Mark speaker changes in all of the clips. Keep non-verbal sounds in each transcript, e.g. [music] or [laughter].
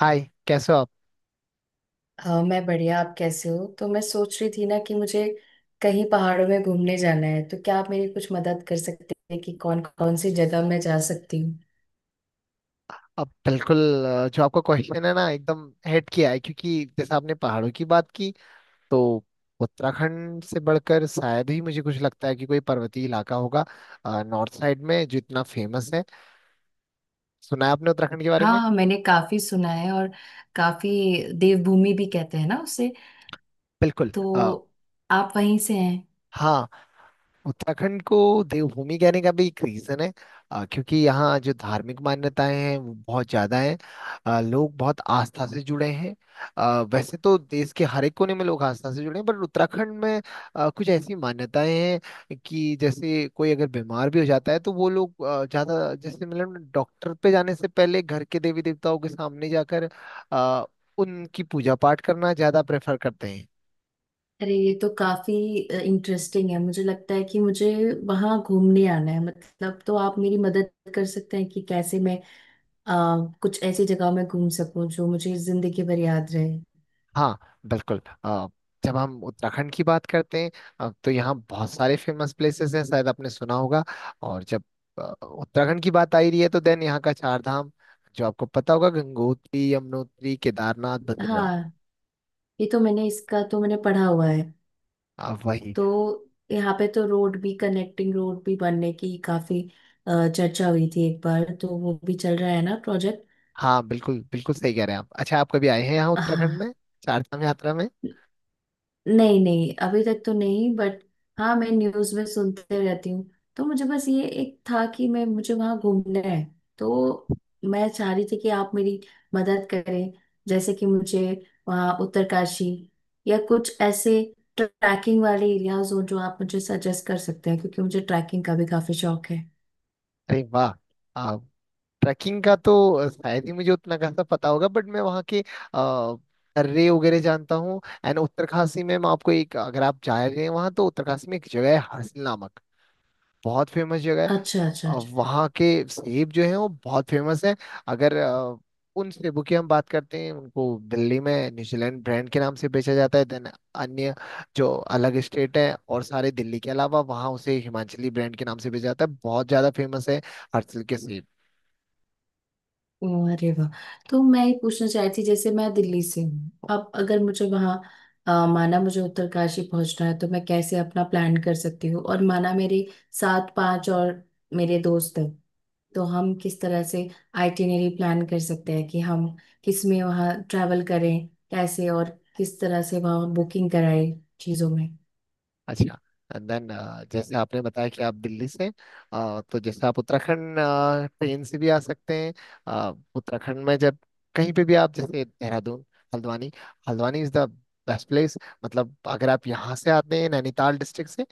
Speaker 1: हाय। कैसे हो आप?
Speaker 2: हाँ मैं बढ़िया। आप कैसे हो? तो मैं सोच रही थी ना कि मुझे कहीं पहाड़ों में घूमने जाना है। तो क्या आप मेरी कुछ मदद कर सकते हैं कि कौन कौन सी जगह मैं जा सकती हूँ?
Speaker 1: अब बिल्कुल। जो आपका क्वेश्चन है ना एकदम हिट किया है, क्योंकि जैसे आपने पहाड़ों की बात की तो उत्तराखंड से बढ़कर शायद ही मुझे कुछ लगता है कि कोई पर्वतीय इलाका होगा नॉर्थ साइड में जो इतना फेमस है। सुना है आपने उत्तराखंड के बारे में?
Speaker 2: हाँ, मैंने काफी सुना है, और काफी, देवभूमि भी कहते हैं ना उसे।
Speaker 1: बिल्कुल।
Speaker 2: तो आप वहीं से हैं?
Speaker 1: हाँ, उत्तराखंड को देवभूमि कहने का भी एक रीजन है। क्योंकि यहाँ जो धार्मिक मान्यताएं हैं वो बहुत ज्यादा हैं। लोग बहुत आस्था से जुड़े हैं। वैसे तो देश के हर एक कोने में लोग आस्था से जुड़े हैं, पर उत्तराखंड में कुछ ऐसी मान्यताएं हैं कि जैसे कोई अगर बीमार भी हो जाता है तो वो लोग ज्यादा जैसे मतलब डॉक्टर पे जाने से पहले घर के देवी देवताओं के सामने जाकर अ, उनकी पूजा पाठ करना ज्यादा प्रेफर करते हैं।
Speaker 2: अरे, ये तो काफी इंटरेस्टिंग है। मुझे लगता है कि मुझे वहां घूमने आना है। मतलब तो आप मेरी मदद कर सकते हैं कि कैसे मैं अ, कुछ ऐसी जगह में घूम सकूं जो मुझे जिंदगी भर याद रहे।
Speaker 1: हाँ बिल्कुल। जब हम उत्तराखंड की बात करते हैं तो यहाँ बहुत सारे फेमस प्लेसेस हैं, शायद आपने सुना होगा। और जब उत्तराखंड की बात आ ही रही है तो देन यहाँ का चार धाम जो आपको पता होगा, गंगोत्री, यमुनोत्री, केदारनाथ, बद्रीनाथ।
Speaker 2: हाँ ये तो मैंने, इसका तो मैंने पढ़ा हुआ है।
Speaker 1: वही।
Speaker 2: तो यहाँ पे तो रोड भी, कनेक्टिंग रोड भी बनने की काफी चर्चा हुई थी एक बार। तो वो भी चल रहा है ना प्रोजेक्ट।
Speaker 1: हाँ बिल्कुल बिल्कुल, सही कह रहे हैं आप। अच्छा, आप कभी आए हैं यहाँ उत्तराखंड
Speaker 2: हाँ,
Speaker 1: में, चार धाम यात्रा में?
Speaker 2: नहीं नहीं, अभी तक तो नहीं, बट हाँ, मैं न्यूज में सुनते रहती हूँ। तो मुझे बस ये एक था कि मैं मुझे वहां घूमना है। तो मैं चाह रही थी कि आप मेरी मदद करें। जैसे कि मुझे वहाँ उत्तरकाशी या कुछ ऐसे ट्रैकिंग वाले एरियाज हो जो आप मुझे सजेस्ट कर सकते हैं, क्योंकि मुझे ट्रैकिंग का भी काफी शौक है।
Speaker 1: अरे वाह। ट्रैकिंग का तो शायद ही मुझे उतना खासा पता होगा, बट मैं वहाँ के दर्रे वगैरह जानता हूँ। एंड उत्तरकाशी में मैं आपको एक, अगर आप जा रहे हैं वहाँ तो उत्तरकाशी में एक जगह है हर्सिल नामक, बहुत फेमस जगह है।
Speaker 2: अच्छा अच्छा अच्छा।
Speaker 1: वहाँ के सेब जो हैं वो बहुत फेमस हैं। अगर उन सेबों की हम बात करते हैं, उनको दिल्ली में न्यूजीलैंड ब्रांड के नाम से बेचा जाता है। देन अन्य जो अलग स्टेट है और सारे, दिल्ली के अलावा, वहाँ उसे हिमाचली ब्रांड के नाम से बेचा जाता है। बहुत ज़्यादा फेमस है हर्सिल के सेब।
Speaker 2: ओह, अरे वाह। तो मैं ये पूछना चाहती थी, जैसे मैं दिल्ली से हूँ, अब अगर मुझे वहाँ माना मुझे उत्तरकाशी पहुंचना है, तो मैं कैसे अपना प्लान कर सकती हूँ? और माना मेरे सात पांच और मेरे दोस्त हैं, तो हम किस तरह से आइटिनरी प्लान कर सकते हैं कि हम किस में वहाँ ट्रैवल करें, कैसे, और किस तरह से वहाँ बुकिंग कराएं चीज़ों में।
Speaker 1: अच्छा। एंड देन, जैसे आपने बताया कि आप दिल्ली से, तो जैसे आप उत्तराखंड ट्रेन से भी आ सकते हैं। उत्तराखंड में जब कहीं पे भी आप जैसे Dehradun, Haldwani, Haldwani is the best place. मतलब अगर आप यहाँ से आते हैं नैनीताल डिस्ट्रिक्ट से,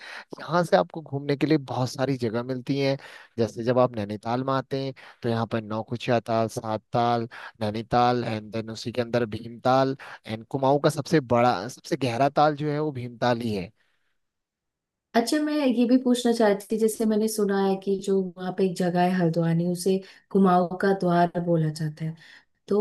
Speaker 1: यहाँ से आपको घूमने के लिए बहुत सारी जगह मिलती हैं। जैसे जब आप नैनीताल में आते हैं तो यहाँ पर नौकुचिया ताल, सात ताल, नैनीताल, एंड देन उसी के अंदर भीमताल। एंड कुमाऊं का सबसे बड़ा सबसे गहरा ताल जो है वो भीमताल ही है।
Speaker 2: अच्छा, मैं ये भी पूछना चाहती थी, जैसे मैंने सुना है कि जो वहाँ पे एक जगह है हल्द्वानी, उसे कुमाऊँ का द्वार बोला जाता है। तो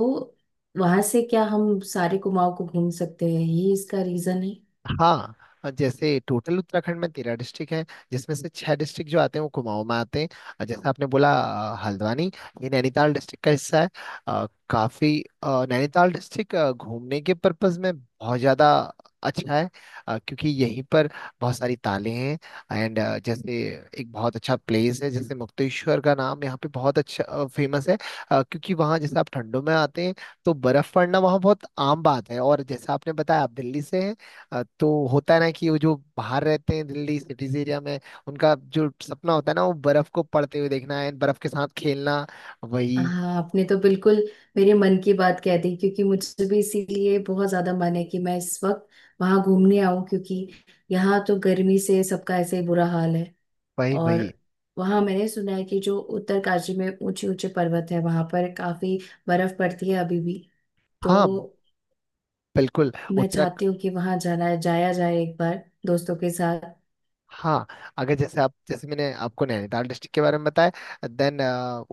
Speaker 2: वहां से क्या हम सारे कुमाऊं को घूम सकते हैं, यही इसका रीजन है?
Speaker 1: हाँ। और जैसे टोटल उत्तराखंड में 13 डिस्ट्रिक्ट हैं, जिसमें से छह डिस्ट्रिक्ट जो आते हैं वो कुमाऊं में आते हैं। और जैसे आपने बोला हल्द्वानी, ये नैनीताल डिस्ट्रिक्ट का हिस्सा है। नैनीताल डिस्ट्रिक्ट घूमने के पर्पज में बहुत ज्यादा अच्छा है। क्योंकि यहीं पर बहुत सारी तालें हैं। एंड जैसे एक बहुत अच्छा प्लेस है, जैसे मुक्तेश्वर का नाम यहाँ पे बहुत अच्छा फेमस है। क्योंकि वहाँ जैसे आप ठंडों में आते हैं तो बर्फ पड़ना वहाँ बहुत आम बात है। और जैसा आपने बताया आप दिल्ली से हैं, तो होता है ना कि वो जो बाहर रहते हैं दिल्ली सिटीज एरिया में, उनका जो सपना होता है ना वो बर्फ को पड़ते हुए देखना है, बर्फ के साथ खेलना। वही
Speaker 2: हाँ, आपने तो बिल्कुल मेरे मन की बात कह दी। क्योंकि मुझे भी इसीलिए बहुत ज्यादा मन है कि मैं इस वक्त वहां घूमने आऊं, क्योंकि यहाँ तो गर्मी से सबका ऐसे ही बुरा हाल है।
Speaker 1: वही
Speaker 2: और
Speaker 1: वही।
Speaker 2: वहां मैंने सुना है कि जो उत्तरकाशी में ऊंचे ऊंचे पर्वत है वहां पर काफी बर्फ पड़ती है अभी भी। तो
Speaker 1: हाँ बिल्कुल।
Speaker 2: मैं
Speaker 1: उत्तराखंड।
Speaker 2: चाहती हूँ कि वहां जाना, जाया जाए एक बार दोस्तों के साथ।
Speaker 1: हाँ, अगर जैसे आप, जैसे मैंने आपको नैनीताल डिस्ट्रिक्ट के बारे में बताया, देन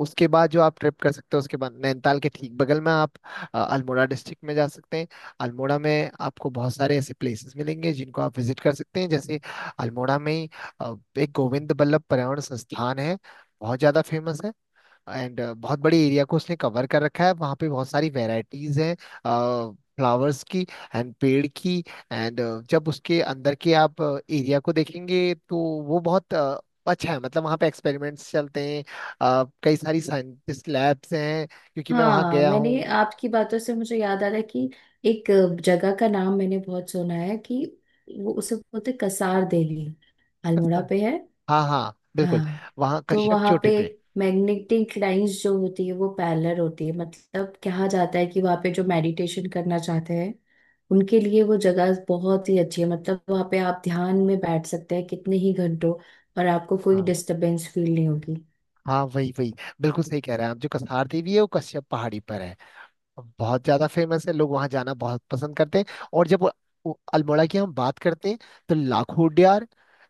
Speaker 1: उसके बाद जो आप ट्रिप कर सकते हो, उसके बाद नैनीताल के ठीक बगल में आप अल्मोड़ा डिस्ट्रिक्ट में जा सकते हैं। अल्मोड़ा में आपको बहुत सारे ऐसे प्लेसेस मिलेंगे जिनको आप विजिट कर सकते हैं, जैसे अल्मोड़ा में ही एक गोविंद बल्लभ पर्यावरण संस्थान है, बहुत ज्यादा फेमस है। एंड बहुत बड़े एरिया को उसने कवर कर रखा है। वहाँ पे बहुत सारी वेराइटीज हैं फ्लावर्स की एंड पेड़ की। एंड जब उसके अंदर के आप एरिया को देखेंगे तो वो बहुत अच्छा है। मतलब वहाँ पे एक्सपेरिमेंट्स चलते हैं, कई सारी साइंटिस्ट लैब्स हैं, क्योंकि मैं वहाँ
Speaker 2: हाँ,
Speaker 1: गया हूँ।
Speaker 2: मैंने, आपकी बातों से मुझे याद आ रहा है कि एक जगह का नाम मैंने बहुत सुना है कि वो, उसे बोलते कसार देवी, अल्मोड़ा पे है।
Speaker 1: हाँ हाँ बिल्कुल।
Speaker 2: हाँ,
Speaker 1: वहाँ
Speaker 2: तो
Speaker 1: कश्यप
Speaker 2: वहां
Speaker 1: चोटी
Speaker 2: पे
Speaker 1: पे।
Speaker 2: मैग्नेटिक लाइंस जो होती है वो पैरेलल होती है। मतलब कहा जाता है कि वहां पे जो मेडिटेशन करना चाहते हैं, उनके लिए वो जगह बहुत ही अच्छी है। मतलब वहां पे आप ध्यान में बैठ सकते हैं कितने ही घंटों, और आपको कोई
Speaker 1: हाँ
Speaker 2: डिस्टरबेंस फील नहीं होगी।
Speaker 1: हाँ, वही वही। बिल्कुल सही कह रहे हैं आप। जो कसार देवी है वो कश्यप पहाड़ी पर है, बहुत ज्यादा फेमस है, लोग वहां जाना बहुत पसंद करते हैं। और जब वो अल्मोड़ा की हम बात करते हैं तो लाखोडियार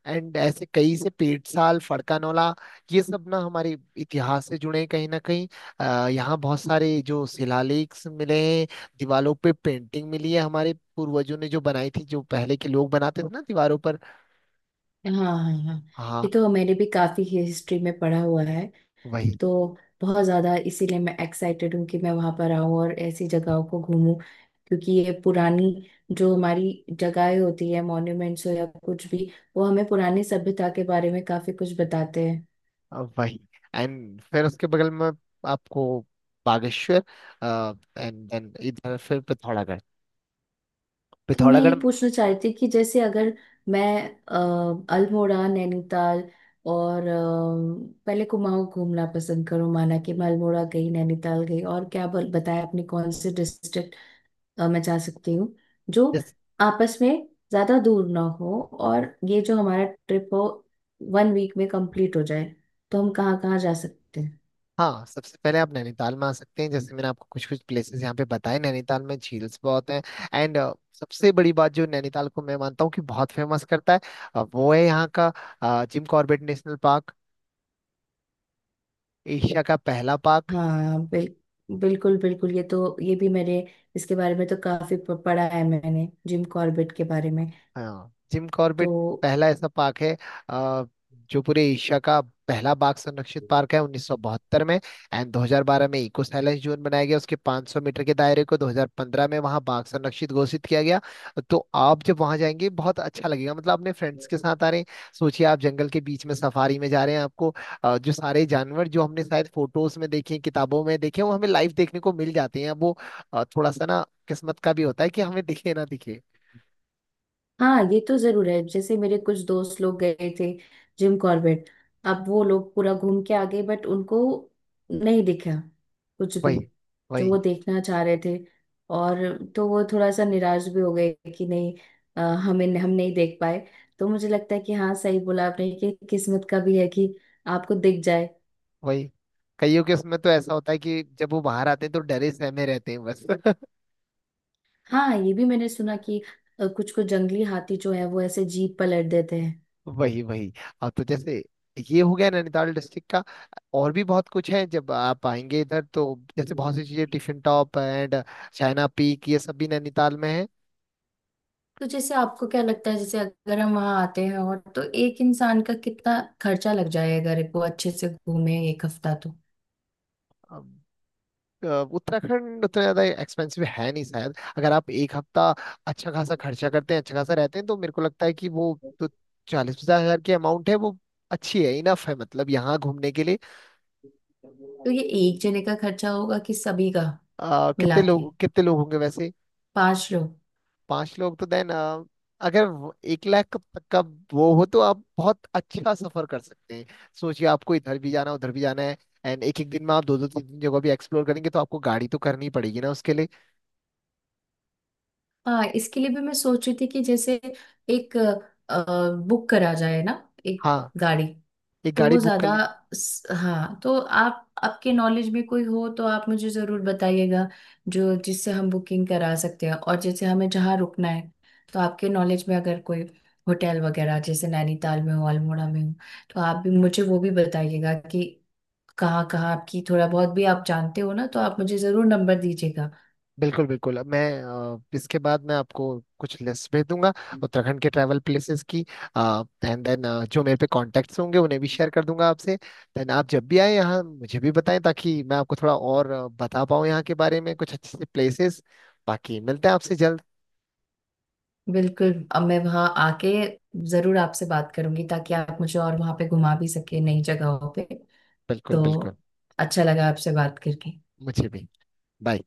Speaker 1: एंड ऐसे कई से पेटसाल फड़कानोला, ये सब ना हमारे इतिहास से जुड़े हैं कहीं ना कहीं। यहाँ बहुत सारे जो शिलालेख मिले हैं, दीवारों पे पेंटिंग मिली है हमारे पूर्वजों ने जो बनाई थी, जो पहले के लोग बनाते थे ना दीवारों पर।
Speaker 2: हाँ। हाँ हाँ। ये
Speaker 1: हाँ।
Speaker 2: तो मैंने भी काफी हिस्ट्री में पढ़ा हुआ है।
Speaker 1: वही।
Speaker 2: तो बहुत ज़्यादा इसीलिए मैं एक्साइटेड हूँ कि मैं वहाँ पर आऊँ और ऐसी जगहों को घूमूं, क्योंकि ये पुरानी, जो हमारी जगहें होती है मॉन्यूमेंट्स हो या कुछ भी, वो हमें पुरानी सभ्यता के बारे में काफ़ी कुछ बताते हैं।
Speaker 1: वही। एंड फिर उसके बगल में आपको बागेश्वर, एंड देन इधर फिर पिथौरागढ़,
Speaker 2: तो मैं ये
Speaker 1: पिथौरागढ़।
Speaker 2: पूछना चाह रही थी कि जैसे अगर मैं अल्मोड़ा, नैनीताल, और पहले कुमाऊँ घूमना पसंद करूँ, माना कि मैं अल्मोड़ा गई, नैनीताल गई, और क्या बताया आपने कौन से डिस्ट्रिक्ट मैं जा सकती हूँ जो
Speaker 1: जैसे
Speaker 2: आपस में ज्यादा दूर ना हो, और ये जो हमारा ट्रिप हो वन वीक में कंप्लीट हो जाए, तो हम कहाँ कहाँ जा सकते हैं?
Speaker 1: हाँ, सबसे पहले आप नैनीताल में आ सकते हैं। जैसे मैंने आपको कुछ कुछ प्लेसेस यहाँ पे बताए, नैनीताल में झील्स बहुत हैं। एंड सबसे बड़ी बात जो नैनीताल को मैं मानता हूँ कि बहुत फेमस करता है, वो है यहाँ का Jim Corbett National Park, Asia का पहला पार्क।
Speaker 2: हाँ बिल्कुल बिल्कुल, ये तो, ये भी मैंने, इसके बारे में तो काफी पढ़ा है मैंने, जिम कॉर्बेट के बारे में।
Speaker 1: हाँ जिम
Speaker 2: तो
Speaker 1: कॉर्बेट पहला ऐसा पार्क है अ, जो पूरे एशिया का पहला बाघ संरक्षित पार्क है, 1972 में। एंड 2012 में इको साइलेंस जोन बनाया गया उसके 500 मीटर के दायरे को, 2015 में वहाँ बाघ संरक्षित घोषित किया गया। तो आप जब वहाँ जाएंगे बहुत अच्छा लगेगा। मतलब अपने फ्रेंड्स के साथ आ रहे हैं, सोचिए आप जंगल के बीच में सफारी में जा रहे हैं। आपको जो सारे जानवर जो हमने शायद फोटोज में देखे, किताबों में देखे, वो हमें लाइव देखने को मिल जाते हैं। अब वो थोड़ा सा ना किस्मत का भी होता है कि हमें दिखे ना दिखे।
Speaker 2: हाँ, ये तो जरूर है। जैसे मेरे कुछ दोस्त लोग गए थे जिम कॉर्बेट, अब वो लोग पूरा घूम के आ गए बट उनको नहीं दिखा कुछ भी
Speaker 1: वही
Speaker 2: जो
Speaker 1: वही।
Speaker 2: वो देखना चाह रहे थे। और तो वो थोड़ा सा निराश भी हो गए कि नहीं, अ, हमें हम नहीं देख पाए। तो मुझे लगता है कि हाँ, सही बोला आपने कि किस्मत का भी है कि आपको दिख जाए।
Speaker 1: वही। कईयों के उसमें तो ऐसा होता है कि जब वो बाहर आते हैं तो डरे सहमे रहते हैं बस [laughs]
Speaker 2: हाँ, ये भी मैंने सुना कि कुछ कुछ जंगली हाथी जो है वो ऐसे जीप पलट देते
Speaker 1: वही वही। अब तो जैसे ये हो गया नैनीताल डिस्ट्रिक्ट का। और भी बहुत कुछ है जब आप आएंगे इधर तो, जैसे
Speaker 2: हैं।
Speaker 1: बहुत सी चीजें Tiffin Top and China Peak, ये सब भी नैनीताल में है।
Speaker 2: तो जैसे आपको क्या लगता है, जैसे अगर हम वहां आते हैं, और तो एक इंसान का कितना खर्चा लग जाए अगर वो अच्छे से घूमे एक हफ्ता तो?
Speaker 1: अब, अ, उत्तराखंड उतना ज्यादा एक्सपेंसिव है नहीं शायद। अगर आप एक हफ्ता अच्छा खासा खर्चा करते हैं, अच्छा खासा रहते हैं, तो मेरे को लगता है कि वो जो 40-50 हज़ार की अमाउंट है वो अच्छी है, इनफ है, मतलब यहाँ घूमने के लिए।
Speaker 2: तो ये एक जने का खर्चा होगा कि सभी का मिला के?
Speaker 1: कितने लोग होंगे वैसे?
Speaker 2: पांच लोग।
Speaker 1: पांच लोग तो देन, अगर एक लाख का तक का वो हो तो आप बहुत अच्छा सफर कर सकते हैं। सोचिए आपको इधर भी जाना उधर भी जाना है, एंड एक एक दिन में आप दो दो तीन तीन जगह भी एक्सप्लोर करेंगे, तो आपको गाड़ी तो करनी पड़ेगी ना उसके लिए।
Speaker 2: हाँ, इसके लिए भी मैं सोच रही थी कि जैसे एक बुक करा जाए ना, एक
Speaker 1: हाँ,
Speaker 2: गाड़ी।
Speaker 1: एक
Speaker 2: तो
Speaker 1: गाड़ी
Speaker 2: वो
Speaker 1: बुक कर
Speaker 2: ज्यादा
Speaker 1: ले।
Speaker 2: हाँ, तो आप, आपके नॉलेज में कोई हो तो आप मुझे जरूर बताइएगा जो, जिससे हम बुकिंग करा सकते हैं। और जैसे हमें जहाँ रुकना है, तो आपके नॉलेज में अगर कोई होटल वगैरह जैसे नैनीताल में हो, अल्मोड़ा में हो, तो आप भी मुझे वो भी बताइएगा कि कहाँ कहाँ आपकी, थोड़ा बहुत भी आप जानते हो ना, तो आप मुझे जरूर नंबर दीजिएगा।
Speaker 1: बिल्कुल बिल्कुल। अब मैं इसके बाद मैं आपको कुछ लिस्ट भेज दूंगा उत्तराखंड के ट्रैवल प्लेसेस की। एंड देन जो मेरे पे कॉन्टेक्ट्स होंगे उन्हें भी शेयर कर दूंगा आपसे। देन आप जब भी आए यहाँ मुझे भी बताएं, ताकि मैं आपको थोड़ा और बता पाऊँ यहाँ के बारे में कुछ अच्छे से प्लेसेस। बाकी मिलते हैं आपसे जल्द।
Speaker 2: बिल्कुल, अब मैं वहाँ आके जरूर आपसे बात करूंगी ताकि आप मुझे और वहाँ पे घुमा भी सके नई जगहों पे।
Speaker 1: बिल्कुल
Speaker 2: तो
Speaker 1: बिल्कुल।
Speaker 2: अच्छा लगा आपसे बात करके।
Speaker 1: मुझे भी। बाय।